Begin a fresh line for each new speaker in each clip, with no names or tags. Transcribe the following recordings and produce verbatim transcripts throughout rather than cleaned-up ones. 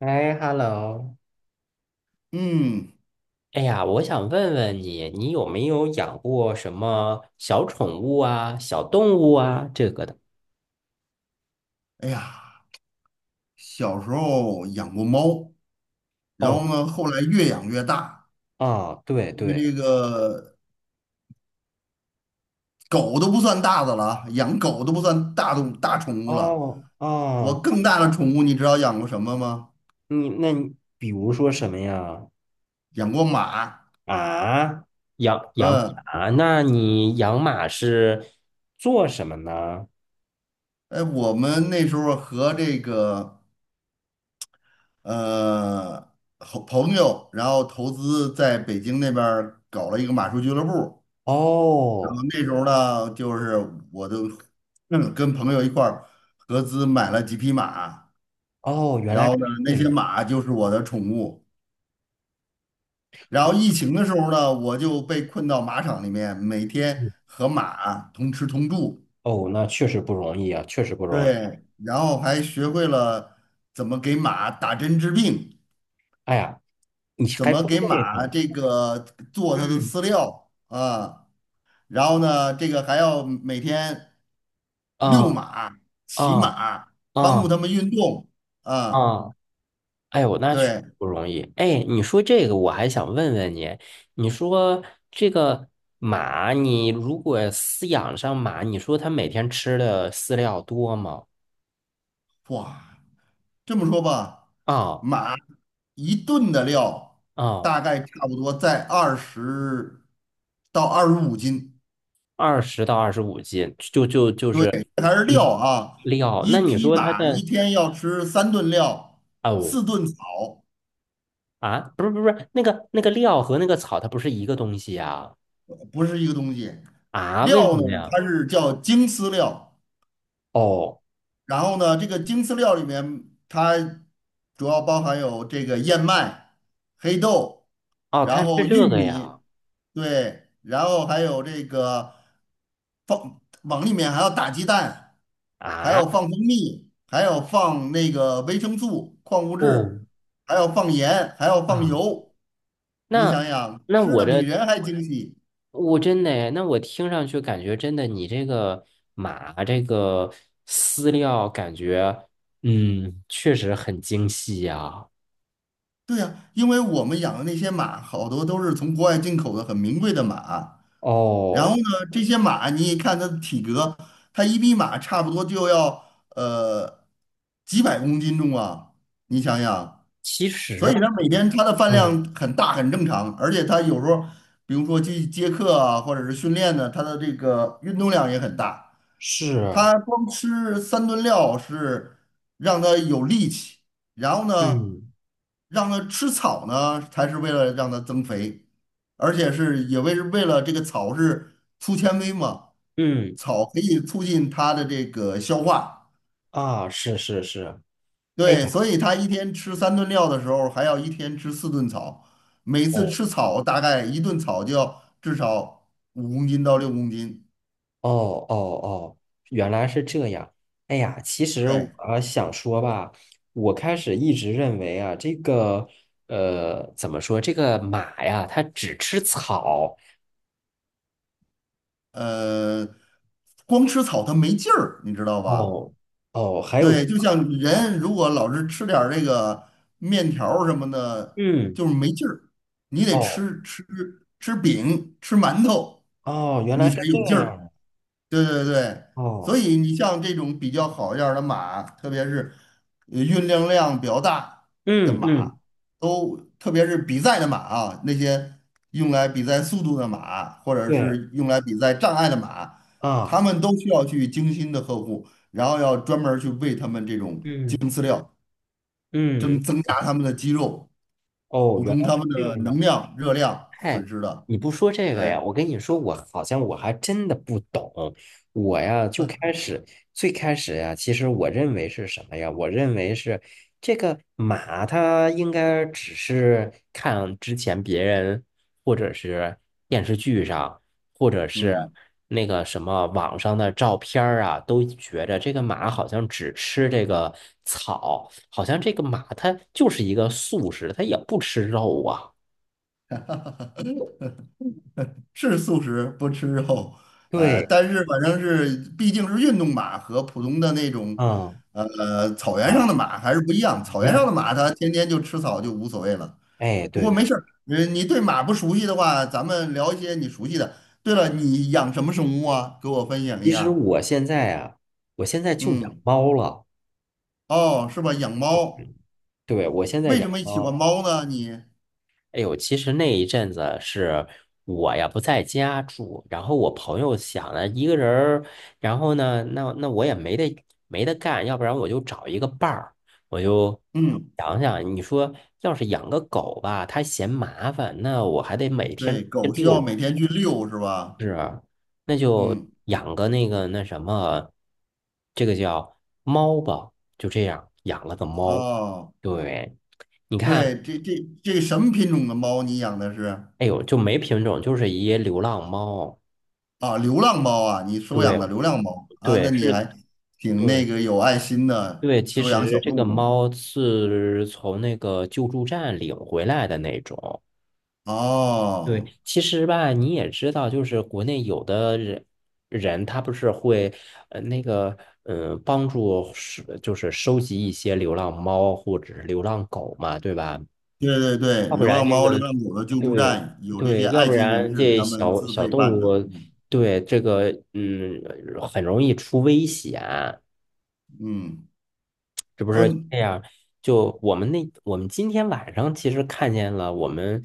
哎，hello，
嗯，
哎呀，我想问问你，你有没有养过什么小宠物啊、小动物啊这个的？
哎呀，小时候养过猫，然后
哦，
呢，后来越养越大，
啊，对
这个
对，
这个狗都不算大的了啊，养狗都不算大的大宠物了。
哦啊对对
我
哦哦
更大的宠物，你知道养过什么吗？
你那你比如说什么呀？
养过马。
啊，养养
嗯，
马？那你养马是做什么呢？
哎，我们那时候和这个呃好朋友，然后投资在北京那边儿搞了一个马术俱乐部。然
哦
后那时候呢，就是我都嗯跟朋友一块儿合资买了几匹马，
哦，原
然
来
后呢，
是这
那
样，
些马就是我的宠物。然后疫
哦
情的时候呢，我就被困到马场里面，每天
嗯
和马同吃同住，
哦，那确实不容易啊，确实不容易。
对，然后还学会了怎么给马打针治病，
哎呀，你
怎
还
么
不
给
累
马
呢，
这个做它的
嗯
饲料啊。然后呢，这个还要每天
啊
遛马、骑
啊
马，帮
啊
助他们运动啊。
啊！哎呦，那确实
对，
不容易。哎，你说这个，我还想问问你，你说这个马，你如果饲养上马，你说它每天吃的饲料多吗？
哇，这么说吧，
啊
马一顿的料
啊，
大概差不多在二十到二十五斤，
二十到二十五斤，就就就
对，
是
这还是
你
料啊。
料。
一
那你
匹
说它
马一
的
天要吃三顿料，
哦
四顿草，
啊，不是不是不是那个那个料和那个草，它不是一个东西呀？
不是一个东西。
啊，为什
料呢，
么呀？
它是叫精饲料。
哦
然后呢，这个精饲料里面它主要包含有这个燕麦、黑豆，
哦，它
然
吃
后玉
这个呀？
米，对，然后还有这个放往里面还要打鸡蛋，还要
啊
放蜂蜜，还要放那个维生素、矿物
哦。
质，还要放盐，还要放
啊
油。你
那
想想，
那
吃
我
的比
这
人还精细。
我真的诶，那我听上去感觉真的，你这个马这个饲料感觉，嗯，确实很精细呀。
对呀，因为我们养的那些马，好多都是从国外进口的很名贵的马。然后
哦，
呢，这些马你一看它的体格，它一匹马差不多就要呃几百公斤重啊，你想想，
其
所
实
以
吧，
它每天它的饭
嗯，
量很大很正常，而且它有时候比如说去接客啊，或者是训练呢，它的这个运动量也很大。
是，
他光吃三顿料是让他有力气，然后呢，
嗯
让他吃草呢，才是为了让他增肥，而且是也为是为了这个草是粗纤维嘛，
嗯
草可以促进他的这个消化，
啊，是是是，哎
对，
呀。
所以他一天吃三顿料的时候，还要一天吃四顿草，每次吃草大概一顿草就要至少五公斤到六公斤，
哦哦哦，原来是这样。哎呀，其实我
对。
呃想说吧，我开始一直认为啊，这个呃，怎么说，这个马呀，它只吃草。
呃，光吃草它没劲儿，你知道吧？
哦哦，还有这
对，就
样
像
啊，
人如果老是吃点儿这个面条儿什么的，
嗯，
就是没劲儿。你得
哦
吃吃吃饼、吃馒头，
哦，原来
你才
是
有
这
劲
样
儿。
的。
对对对，所
哦，
以你像这种比较好一点儿的马，特别是呃运动量比较大的
嗯
马，
嗯，
都特别是比赛的马啊，那些用来比赛速度的马，或者
对
是用来比赛障碍的马，
啊，
他们都需要去精心的呵护，然后要专门儿去喂他们这种
嗯
精饲料，
嗯，
增增加他们的肌肉，
哦，
补
原
充
来
他
是
们
这
的
样。
能量、热量
哎，
损失的。
你不说这个
对，
呀？我跟你说，我好像我还真的不懂。我呀，就开始最开始呀，其实我认为是什么呀？我认为是这个马，它应该只是看之前别人或者是电视剧上，或者是
嗯。
那个什么网上的照片儿啊，都觉着这个马好像只吃这个草，好像这个马它就是一个素食，它也不吃肉啊。
是素食，不吃肉，呃，
对。
但是反正是毕竟是运动马和普通的那种，
嗯
呃，草原上的
啊，
马还是不一样。
一
草原上
样。
的马它天天就吃草就无所谓了。
哎，
不
对
过没
对，
事儿，呃，你对马不熟悉的话，咱们聊一些你熟悉的。对了，你养什么生物啊？给我分享一
其实
下。
我现在啊，我现在就养
嗯，
猫了。
哦，是吧？养猫，
对，我现在
为
养
什么喜欢
猫。
猫呢？你，
哎呦，其实那一阵子是我呀不在家住，然后我朋友想了一个人儿，然后呢，那那我也没得没得干，要不然我就找一个伴儿，我就
嗯，
想想，你说要是养个狗吧，它嫌麻烦，那我还得每天
对，
去
狗需要
遛
每天去遛是吧？
是啊，那就
嗯，
养个那个那什么，这个叫猫吧，就这样养了个猫。
哦。
对，你看，
对，这这这什么品种的猫你养的是？
哎呦，就没品种，就是一流浪猫。
啊，流浪猫啊，你收
对，
养的流浪猫啊，那
对，
你
是，
还挺那
对，
个有爱心的，
对。其
收养
实
小
这
动
个
物。
猫是从那个救助站领回来的那种。
哦，
对，其实吧，你也知道，就是国内有的人人他不是会呃那个呃帮助是就是收集一些流浪猫或者是流浪狗嘛，对吧？
对对对，
要不
流
然
浪
这
猫、流
个
浪狗的救助
对
站有这些
对，要不
爱心人
然
士
这
他们
小
自
小
费
动
办
物
的。嗯
对这个嗯很容易出危险。
嗯
是不是
嗯
这样？就我们那，我们今天晚上其实看见了，我们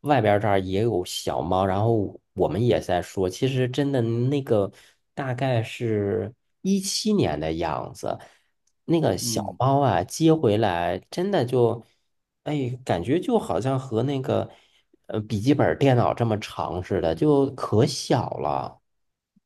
外边儿这儿也有小猫，然后我们也在说，其实真的那个大概是一七年的样子，那个小
嗯，
猫啊接回来，真的就，哎，感觉就好像和那个呃笔记本电脑这么长似的，就可小了，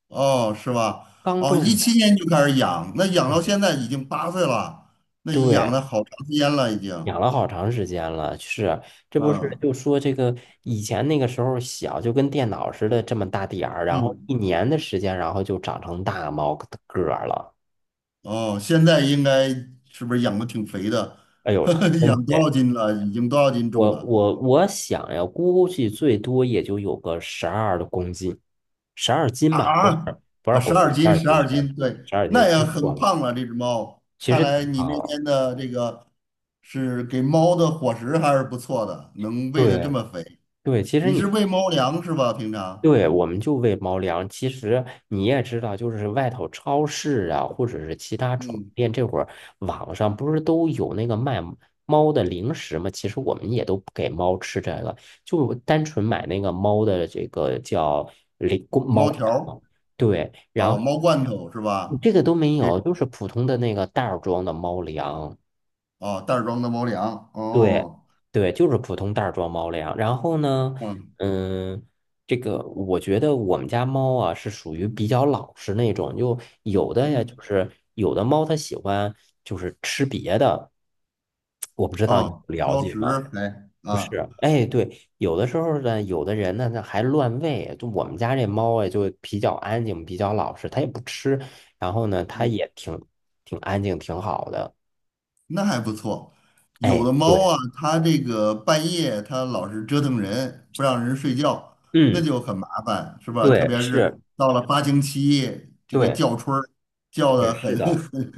哦，是吧？
刚
哦，一
断
七
奶。
年就开始养，那养到现在已经八岁了，那养
对，
了好长时间了，已经。
养了好长时间了，是，这不是
嗯
就说这个以前那个时候小，就跟电脑似的这么大点儿，然后
嗯，
一年的时间，然后就长成大猫个个儿了。
哦，现在应该是不是养的挺肥的？
哎呦，特 真
养多
肥！
少斤了？已经多少斤重
我
了？
我我想呀，估计最多也就有个十二公斤，十二斤
啊
吧，不是
啊
不是
啊！十
公斤，
二
十
斤，
二
十
斤，十
二
二
斤，
斤，
对，
十二斤，
那也
说错
很
了，
胖了。这只猫，
其
看
实
来
挺
你
胖
那
了。
边的这个是给猫的伙食还是不错的，能喂的这
对
么肥。
对，其实
你是
你
喂猫粮是吧？平常，
对，我们就喂猫粮。其实你也知道，就是外头超市啊，或者是其他宠物
嗯，
店，这会儿网上不是都有那个卖猫的零食吗？其实我们也都不给猫吃这个，就单纯买那个猫的这个叫零公猫
猫条儿
粮。对，然
啊，
后
猫罐头是吧？
这个都没
这
有，
种
就是普通的那个袋儿装的猫粮。
啊，袋儿装的猫粮。
对，
哦，
对，就是普通袋儿装猫粮。然后呢，
嗯
嗯，这个我觉得我们家猫啊是属于比较老实那种，就有的呀，
嗯，
就是有的猫它喜欢就是吃别的，我不知
啊，
道你
哦
了
挑
解
食
吗？
还
不
啊。
是，哎，对，有的时候呢，有的人呢，那还乱喂。就我们家这猫啊，就比较安静，比较老实，它也不吃，然后呢，它
嗯，
也挺挺安静，挺好的。
那还不错。有
哎，
的猫
对，
啊，它这个半夜它老是折腾人，不让人睡觉，那
嗯，
就很麻烦，是吧？特
对，
别是
是，
到了发情期，这个
对。
叫春儿叫
对，
的很
是 的，
很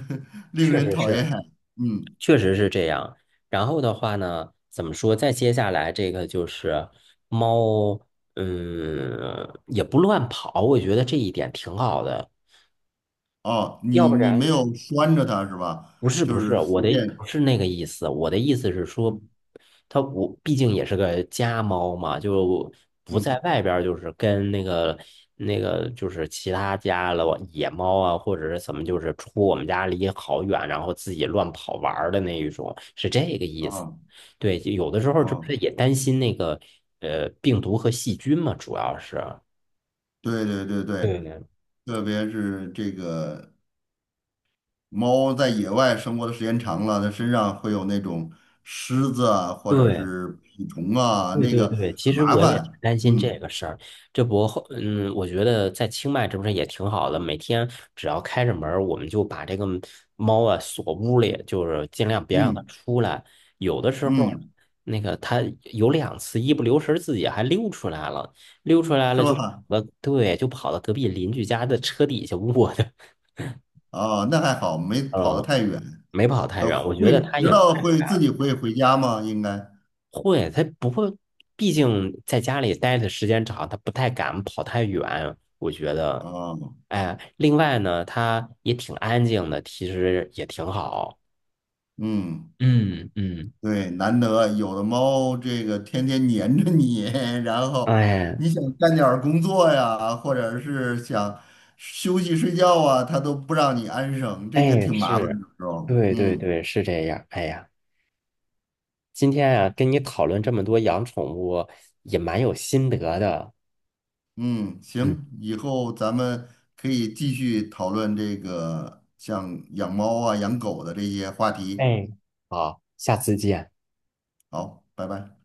很令
确
人
实
讨
是，
厌。嗯，
确实是这样。然后的话呢，怎么说？再接下来这个就是猫，嗯，也不乱跑，我觉得这一点挺好的。
哦，
要
你
不
你没
然
有拴着它是吧？
不是
就
不是，
是
我
随
的不
便，
是那个意思，我的意思是说，它我毕竟也是个家猫嘛，就不在
嗯，
外边，就是跟那个那个就是其他家了野猫啊，或者是怎么，就是出我们家离好远，然后自己乱跑玩儿的那一种，是这个
啊
意思。
哦、
对，就有的时
啊
候这不
哦，
是也担心那个呃病毒和细菌嘛，主要是。
对对对对，
对，
特别是这个。猫在野外生活的时间长了，它身上会有那种虱子啊，或者
对，
是蜱虫啊，
对
那
对
个
对，其
很
实
麻
我也是
烦。
担心这个
嗯
事儿。这不后，嗯，我觉得在清迈这不是也挺好的，每天只要开着门儿，我们就把这个猫啊锁屋里，就是尽量别让它
嗯
出来。有的时候，
嗯，
那个它有两次一不留神自己还溜出来了，溜出来了
是
就
吧？
呃，对，就跑到隔壁邻居家的车底下卧的。
啊，那还好，没 跑得
嗯，
太远。
没跑太
呃，
远，我觉
会
得它
知
也
道会自己会回家吗？应该
会，他不会，毕竟在家里待的时间长，他不太敢跑太远。我觉得，
啊，
哎，另外呢，他也挺安静的，其实也挺好。
嗯。
嗯嗯，
对，难得有的猫，这个天天黏着你，然后
哎
你想干点儿工作呀，或者是想休息睡觉啊，它都不让你安生，这个
哎，
挺麻烦
是，
的时候。
对对
嗯
对，是这样。哎呀，今天啊，跟你讨论这么多养宠物，也蛮有心得的。
嗯，
嗯，
行，以后咱们可以继续讨论这个像养猫啊、养狗的这些话题。
哎，好，下次见。
好，拜拜。